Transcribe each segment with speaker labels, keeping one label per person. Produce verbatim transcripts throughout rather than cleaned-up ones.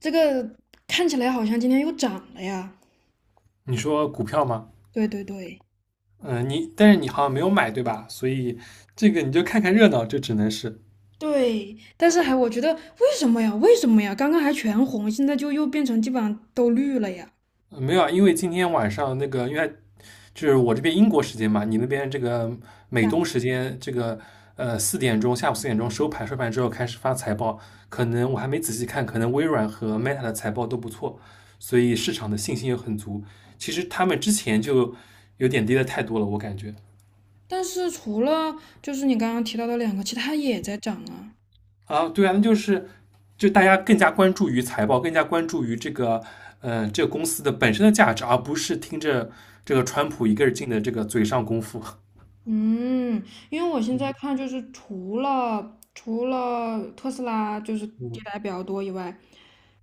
Speaker 1: 这个看起来好像今天又涨了呀。
Speaker 2: 你说股票吗？
Speaker 1: 对对对
Speaker 2: 嗯，你但是你好像没有买对吧？所以这个你就看看热闹，就只能是
Speaker 1: 对，但是还我觉得为什么呀？为什么呀？刚刚还全红，现在就又变成基本上都绿了呀。
Speaker 2: 呃没有啊，因为今天晚上那个，因为它就是我这边英国时间嘛，你那边这个美
Speaker 1: 下，
Speaker 2: 东时间这个呃四点钟，下午四点钟收盘，收盘之后开始发财报，可能我还没仔细看，可能微软和 Meta 的财报都不错，所以市场的信心又很足。其实他们之前就有点跌的太多了，我感觉。
Speaker 1: 但是除了就是你刚刚提到的两个，其他也在涨啊。
Speaker 2: 啊，对啊，那就是就大家更加关注于财报，更加关注于这个嗯、呃这个公司的本身的价值，而不是听着这个川普一个人劲的这个嘴上功夫。
Speaker 1: 嗯，因为我现在看就是除了除了特斯拉就是跌的
Speaker 2: 嗯
Speaker 1: 还比较多以外，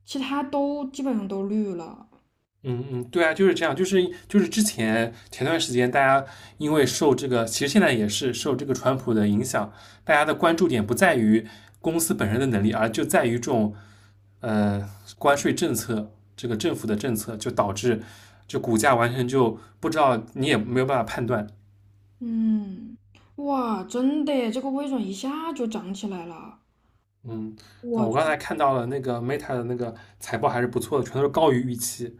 Speaker 1: 其他都基本上都绿了。
Speaker 2: 嗯嗯，对啊，就是这样，就是就是之前前段时间大家因为受这个，其实现在也是受这个川普的影响，大家的关注点不在于公司本身的能力，而就在于这种呃关税政策，这个政府的政策，就导致就股价完全就不知道，你也没有办法判断。
Speaker 1: 嗯，哇，真的耶，这个微软一下就涨起来了。
Speaker 2: 嗯。啊，
Speaker 1: 我。
Speaker 2: 我刚才看到了那个 Meta 的那个财报还是不错的，全都是高于预期。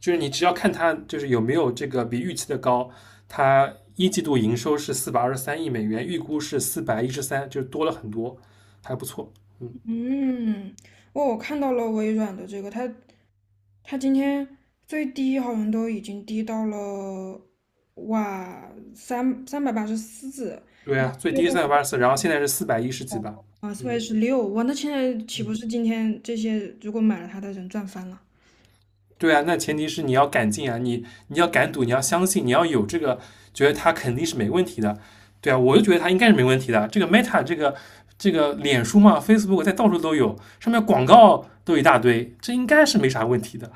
Speaker 2: 就是你只要看它，就是有没有这个比预期的高，它一季度营收是四百二十三亿美元，预估是四百一十三，就是多了很多，还不错。嗯，
Speaker 1: 嗯，我我看到了微软的这个，它它今天最低好像都已经低到了哇三三百八十四
Speaker 2: 对啊，最低三百八十四，然后现在是四百一十几吧。
Speaker 1: 啊四百一
Speaker 2: 嗯，
Speaker 1: 十六，哇，那现在岂不是今天这些如果买了它的人赚翻了？
Speaker 2: 对啊，那前提是你要敢进啊，你你要敢赌，你要相信，你要有这个觉得它肯定是没问题的，对啊，我就觉得它应该是没问题的。这个 Meta 这个这个脸书嘛，Facebook 在到处都有，上面广告都一大堆，这应该是没啥问题的。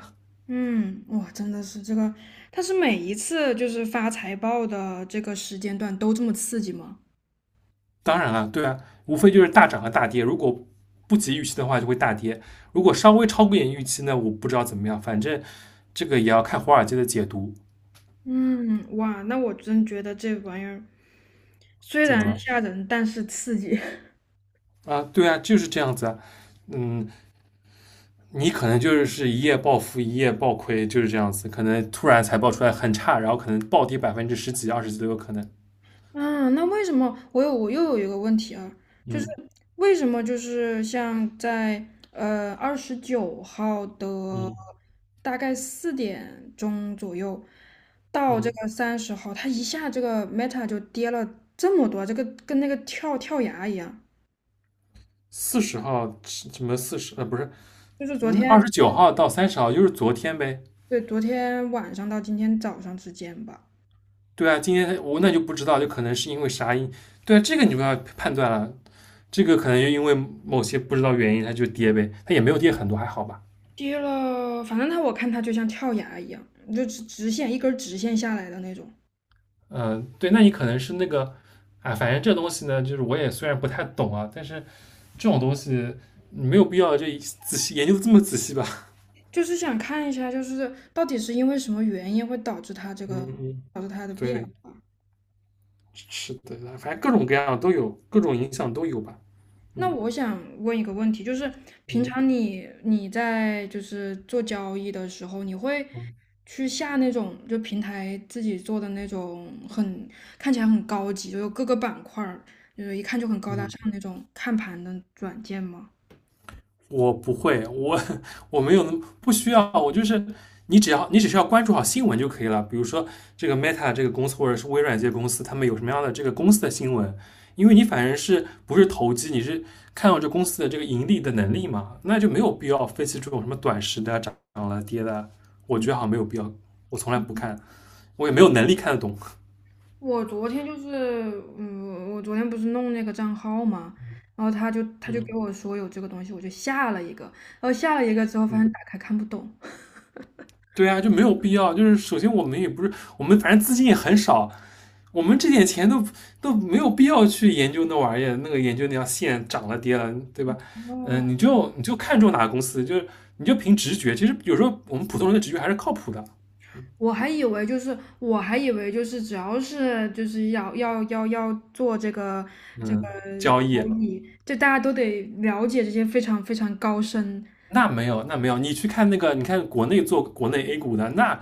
Speaker 1: 嗯，哇，真的是这个，它是每一次就是发财报的这个时间段都这么刺激吗？
Speaker 2: 当然了，对啊，无非就是大涨和大跌，如果不及预期的话就会大跌，如果稍微超过一点预期呢，我不知道怎么样，反正这个也要看华尔街的解读。
Speaker 1: 嗯，哇，那我真觉得这玩意儿虽
Speaker 2: 怎么
Speaker 1: 然
Speaker 2: 了？
Speaker 1: 吓人，但是刺激。
Speaker 2: 啊，对啊，就是这样子啊。嗯，你可能就是是一夜暴富，一夜暴亏，就是这样子，可能突然财报出来很差，然后可能暴跌百分之十几、二十几都有可能。
Speaker 1: 啊，那为什么我有我又有一个问题啊，就是
Speaker 2: 嗯
Speaker 1: 为什么就是像在呃二十九号的
Speaker 2: 嗯
Speaker 1: 大概四点钟左右到这
Speaker 2: 嗯。
Speaker 1: 个三十号，它一下这个 Meta 就跌了这么多，这个跟那个跳跳崖一样，
Speaker 2: 四十号什么四十呃不是，
Speaker 1: 就是昨
Speaker 2: 嗯
Speaker 1: 天。
Speaker 2: 二十九号到三十号就是昨天呗。
Speaker 1: 对，昨天晚上到今天早上之间吧，
Speaker 2: 对啊，今天我那就不知道，就可能是因为啥因，对啊，这个你不要判断了，这个可能就因为某些不知道原因它就跌呗，它也没有跌很多，还好吧。
Speaker 1: 跌了，反正它我看它就像跳崖一样，就直直线一根儿直线下来的那种。
Speaker 2: 嗯，对，那你可能是那个，啊，反正这东西呢，就是我也虽然不太懂啊，但是这种东西你没有必要就仔细研究得这么仔细吧？
Speaker 1: 就是想看一下，就是到底是因为什么原因会导致它这个
Speaker 2: 嗯嗯，
Speaker 1: 导致它的变
Speaker 2: 对，
Speaker 1: 化。
Speaker 2: 是的，反正各种各样的都有，各种影响都有吧。
Speaker 1: 那
Speaker 2: 嗯
Speaker 1: 我想问一个问题，就是平
Speaker 2: 嗯
Speaker 1: 常你你在就是做交易的时候，你会去下那种就平台自己做的那种很看起来很高级，就有各个板块儿就是一看就很高大上
Speaker 2: 嗯。
Speaker 1: 那种看盘的软件吗？
Speaker 2: 我不会，我我没有那么不需要，我就是你只要你只需要关注好新闻就可以了。比如说这个 Meta 这个公司或者是微软这些公司，他们有什么样的这个公司的新闻，因为你反正是不是投机，你是看到这公司的这个盈利的能力嘛，那就没有必要分析这种什么短时的涨了跌的，我觉得好
Speaker 1: 嗯。
Speaker 2: 像没有必要，我从来不看，我也没有能力看得懂。
Speaker 1: 我昨天就是，嗯，我昨天不是弄那个账号嘛，然后他就他就给
Speaker 2: 嗯
Speaker 1: 我说有这个东西，我就下了一个，然后下了一个之后发
Speaker 2: 嗯，
Speaker 1: 现打开看不懂，
Speaker 2: 对啊，就没有必要。就是首先我们也不是，我们反正资金也很少，我们这点钱都都没有必要去研究那玩意儿，那个研究那条线涨了跌了，对吧？嗯、呃
Speaker 1: 哦，
Speaker 2: 你就你就看中哪个公司，就是你就凭直觉。其实有时候我们普通人的直觉还是靠谱的。
Speaker 1: 我还以为就是我还以为就是只要是就是要要要要做这个这个
Speaker 2: 嗯，交易。
Speaker 1: 交易，就大家都得了解这些非常非常高深，
Speaker 2: 那没有，那没有。你去看那个，你看国内做国内 A 股的，那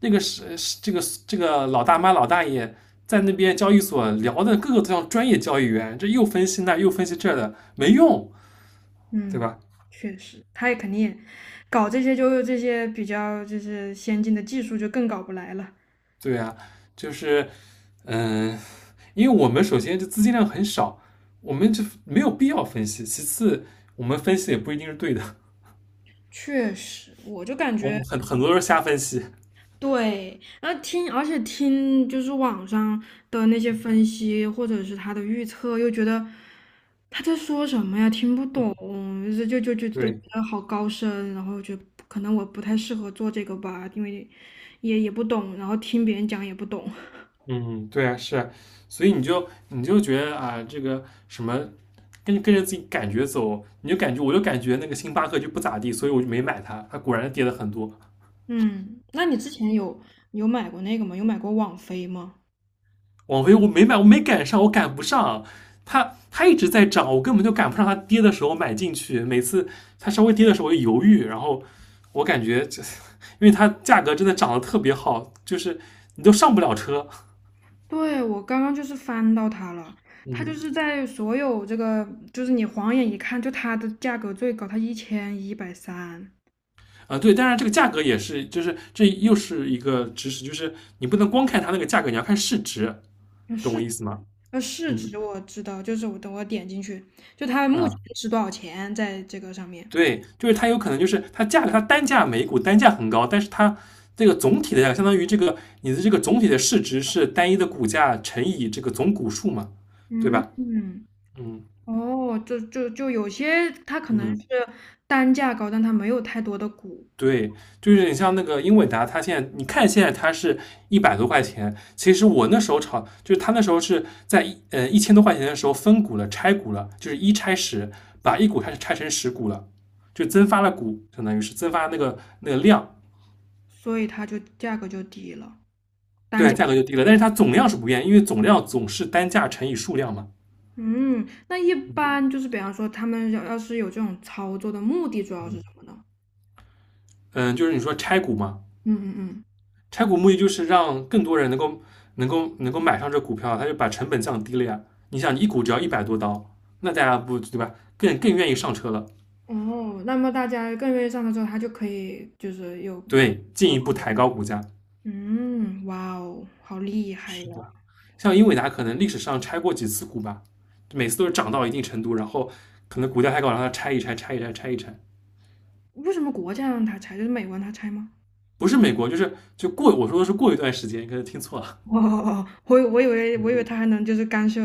Speaker 2: 那个是是这个这个老大妈老大爷在那边交易所聊的，各个都像专业交易员，这又分析那又分析这的，没用。对
Speaker 1: 嗯，
Speaker 2: 吧？
Speaker 1: 确实，他也肯定也搞这些就这些比较就是先进的技术就更搞不来了。
Speaker 2: 对啊，就是嗯、呃因为我们首先就资金量很少，我们就没有必要分析。其次，我们分析也不一定是对的，
Speaker 1: 确实，我就感
Speaker 2: 我
Speaker 1: 觉
Speaker 2: 们很很多都是瞎分析。
Speaker 1: 对，然后听，而且听就是网上的那些分析或者是他的预测，又觉得他在说什么呀，听不懂，就就就就觉
Speaker 2: 对，
Speaker 1: 得好高深，然后就可能我不太适合做这个吧，因为也也不懂，然后听别人讲也不懂。
Speaker 2: 嗯，对啊，是啊，所以你就你就觉得啊，这个什么。跟跟着自己感觉走，你就感觉，我就感觉那个星巴克就不咋地，所以我就没买它。它果然跌了很多，
Speaker 1: 嗯，那你之前有有买过那个吗？有买过网飞吗？
Speaker 2: 网飞我没买，我没赶上，我赶不上。它它一直在涨，我根本就赶不上它跌的时候买进去。每次它稍微跌的时候我就犹豫，然后我感觉因为它价格真的涨得特别好，就是你都上不了车。
Speaker 1: 对，我刚刚就是翻到它了，它就
Speaker 2: 嗯。
Speaker 1: 是在所有这个，就是你晃眼一看，就它的价格最高，它一千一百三。
Speaker 2: 啊、呃对，当然这个价格也是，就是这又是一个知识，就是你不能光看它那个价格，你要看市值，
Speaker 1: 呃
Speaker 2: 懂我
Speaker 1: 市
Speaker 2: 意思吗？
Speaker 1: 呃市
Speaker 2: 嗯。
Speaker 1: 值我知道，就是我等我点进去，就它目
Speaker 2: 啊、
Speaker 1: 前是多少钱在这个上面。
Speaker 2: 对，就是它有可能就是它价格，它单价每股单价很高，但是它这个总体的价格相当于这个你的这个总体的市值是单一的股价乘以这个总股数嘛，对
Speaker 1: 嗯
Speaker 2: 吧？
Speaker 1: 嗯，
Speaker 2: 嗯
Speaker 1: 哦，就就就有些它可能是
Speaker 2: 嗯，
Speaker 1: 单价高，但它没有太多的股，
Speaker 2: 对，就是你像那个英伟达，它现在你看现在它是一百多块钱，其实我那时候炒，就是它那时候是在一呃一千多块钱的时候分股了，拆股了，就是一拆十，把一股开始拆成十股了，就增发了股，相当于是增发那个那个量。
Speaker 1: 所以它就价格就低了，单
Speaker 2: 对，
Speaker 1: 价。
Speaker 2: 价格就低了，但是它总量是不变，因为总量总是单价乘以数量嘛。
Speaker 1: 嗯，那一般就是比方说他们要要是有这种操作的目的主要是什么呢？
Speaker 2: 嗯，就是你说拆股嘛，
Speaker 1: 嗯嗯
Speaker 2: 拆股目的就是让更多人能够能够能够买上这股票，它就把成本降低了呀。你想，一股只要一百多刀，那大家不对吧？更更愿意上车了，
Speaker 1: 嗯，哦，那么大家更愿意上课之后，他就可以就是有，就
Speaker 2: 对，进一步抬高股价。
Speaker 1: 嗯，嗯哇哦，好厉害
Speaker 2: 是
Speaker 1: 呀！
Speaker 2: 的，像英伟达可能历史上拆过几次股吧，每次都是涨到一定程度，然后可能股价太高，然后它拆一拆，拆一拆，拆一拆。
Speaker 1: 为什么国家让他拆？就是美国让他拆吗？
Speaker 2: 不是美国，就是就过，我说的是过一段时间，可能听错了。
Speaker 1: 哦哦哦，我以我以为我以为嗯他还能就是干涉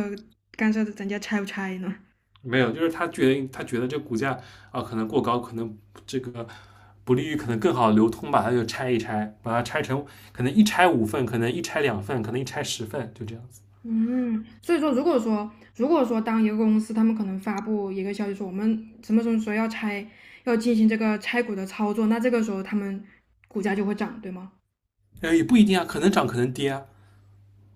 Speaker 1: 干涉人家拆不拆呢。
Speaker 2: 没有，就是他觉得他觉得这股价啊可能过高，可能这个不利于可能更好的流通吧，他就拆一拆，把它拆成可能一拆五份，可能一拆两份，可能一拆十份，就这样子。
Speaker 1: 嗯，所以说如果说如果说当一个公司他们可能发布一个消息说我们什么什么时候要拆，要进行这个拆股的操作，那这个时候他们股价就会涨，对吗？
Speaker 2: 呃，也不一定啊，可能涨，可能跌啊。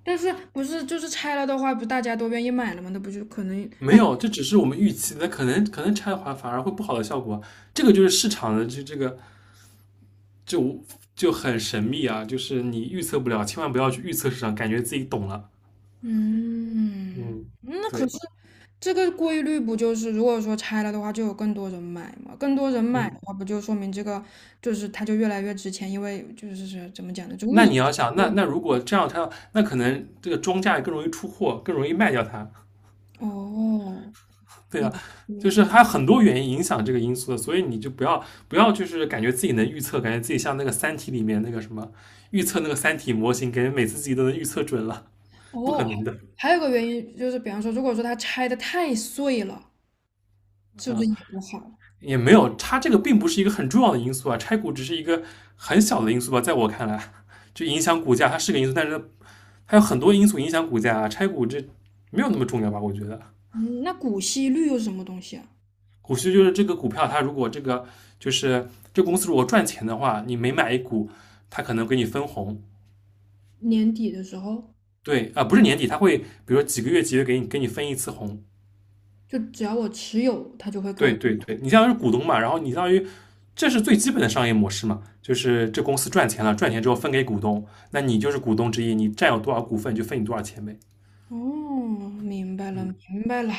Speaker 1: 但是不是就是拆了的话，不大家都愿意买了吗？那不就可能
Speaker 2: 没
Speaker 1: 大，
Speaker 2: 有，这只是我们预期的，可能可能拆的话反而会不好的效果。这个就是市场的这这个就就很神秘啊，就是你预测不了，千万不要去预测市场，感觉自己懂了。
Speaker 1: 嗯，
Speaker 2: 嗯，
Speaker 1: 那可
Speaker 2: 对，
Speaker 1: 是这个规律不就是如果说拆了的话，就有更多人买嘛？更多人买
Speaker 2: 嗯，
Speaker 1: 的话，不就说明这个就是它就越来越值钱？因为就是是怎么讲呢？就物
Speaker 2: 那
Speaker 1: 以
Speaker 2: 你
Speaker 1: 稀
Speaker 2: 要想，
Speaker 1: 为
Speaker 2: 那
Speaker 1: 贵
Speaker 2: 那如果这样它，那可能这个庄家也更容易出货，更容易卖掉它，
Speaker 1: 哦，
Speaker 2: 对啊，
Speaker 1: 也
Speaker 2: 就
Speaker 1: 对
Speaker 2: 是还有很多原因影响这个因素的，所以你就不要不要就是感觉自己能预测，感觉自己像那个《三体》里面那个什么预测那个《三体》模型，感觉每次自己都能预测准了，不可
Speaker 1: 哦，
Speaker 2: 能的。
Speaker 1: 还有个原因就是，比方说，如果说它拆的太碎了，是不是
Speaker 2: 啊，
Speaker 1: 也不好？
Speaker 2: 也没有，它这个并不是一个很重要的因素啊，拆股只是一个很小的因素吧，在我看来，就影响股价它是个因素，但是它有很多因素影响股价啊，拆股这没有那么重要吧，我觉得。
Speaker 1: 嗯，那股息率又是什么东西啊？
Speaker 2: 股息就是这个股票，它如果这个就是这公司如果赚钱的话，你每买一股，它可能给你分红。
Speaker 1: 年底的时候。
Speaker 2: 对啊、呃不是年底，它会比如说几个月几个月给你给你分一次红。
Speaker 1: 就只要我持有，他就会给
Speaker 2: 对
Speaker 1: 我。
Speaker 2: 对对，你相当于是股东嘛，然后你相当于这是最基本的商业模式嘛，就是这公司赚钱了，赚钱之后分给股东，那你就是股东之一，你占有多少股份就分你多少钱呗。
Speaker 1: 哦，明白了，
Speaker 2: 嗯，
Speaker 1: 明白了，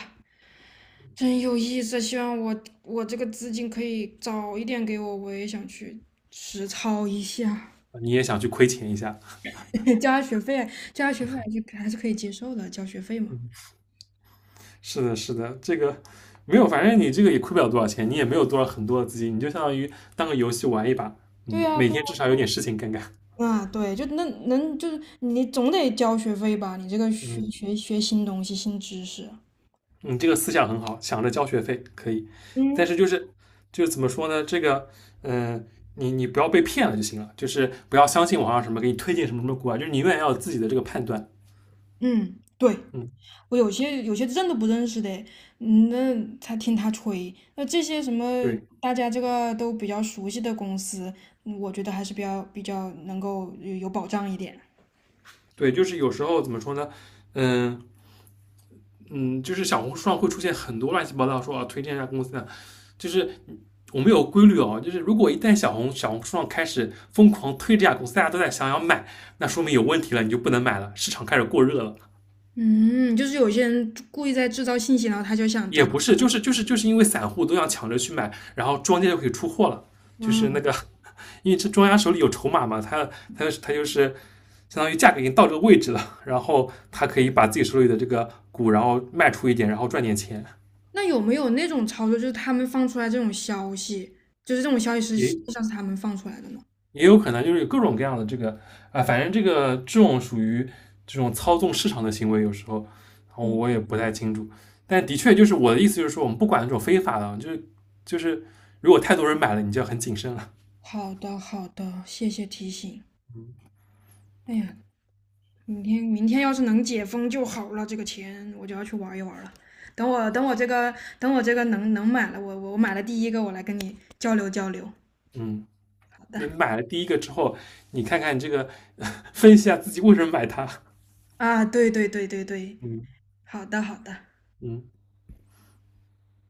Speaker 1: 真有意思。希望我我这个资金可以早一点给我，我也想去实操一下。
Speaker 2: 你也想去亏钱一下，
Speaker 1: 交下学费，交下学费还是还是可以接受的，交学费嘛。
Speaker 2: 是的，是的，这个没有，反正你这个也亏不了多少钱，你也没有多少很多的资金，你就相当于当个游戏玩一把，
Speaker 1: 对
Speaker 2: 嗯，
Speaker 1: 呀，
Speaker 2: 每
Speaker 1: 对呀，
Speaker 2: 天至少有点事情干干，
Speaker 1: 啊，对，就那能就是你总得交学费吧？你这个学
Speaker 2: 嗯
Speaker 1: 学学新东西、新知识，
Speaker 2: 嗯，你这个思想很好，想着交学费可以，但
Speaker 1: 嗯
Speaker 2: 是就是就是怎么说呢，这个，嗯、呃你你不要被骗了就行了，就是不要相信网上什么给你推荐什么什么股啊，就是你永远要有自己的这个判断，
Speaker 1: 嗯，对，
Speaker 2: 嗯，
Speaker 1: 我有些有些认都不认识的，嗯那他听他吹，那这些什么
Speaker 2: 对
Speaker 1: 大家这个都比较熟悉的公司，嗯我觉得还是比较比较能够有有保障一点。
Speaker 2: 对，就是有时候怎么说呢，嗯、嗯，就是小红书上会出现很多乱七八糟说啊推荐一下公司的，就是我们有规律哦，就是如果一旦小红小红书上开始疯狂推这家公司，大家都在想要买，那说明有问题了，你就不能买了，市场开始过热了。
Speaker 1: 嗯，就是有些人故意在制造信息，然后他就想找。
Speaker 2: 也不是，就是就是就是因为散户都想抢着去买，然后庄家就可以出货了。就是那
Speaker 1: 嗯，
Speaker 2: 个，因为这庄家手里有筹码嘛，他他他就是相当于价格已经到这个位置了，然后他可以把自己手里的这个股，然后卖出一点，然后赚点钱，
Speaker 1: 那有没有那种操作，就是他们放出来这种消息，就是这种消息是实
Speaker 2: 也
Speaker 1: 际上是他们放出来的呢？
Speaker 2: 也有可能就是有各种各样的这个啊、呃反正这个这种属于这种操纵市场的行为，有时候，然后我
Speaker 1: 哦，
Speaker 2: 也不太清楚。但的确就是我的意思就是说，我们不管那种非法的，就是就是如果太多人买了，你就要很谨慎了。
Speaker 1: 好的好的，谢谢提醒。哎呀，明天明天要是能解封就好了，这个钱我就要去玩一玩了。等我等我这个等我这个能能买了，我我我买了第一个，我来跟你交流交流。
Speaker 2: 嗯，
Speaker 1: 好
Speaker 2: 那
Speaker 1: 的
Speaker 2: 买了第一个之后，你看看这个，呵呵分析一下自己为什么买它。
Speaker 1: 啊，对对对对对，
Speaker 2: 嗯
Speaker 1: 好的好的。
Speaker 2: 嗯。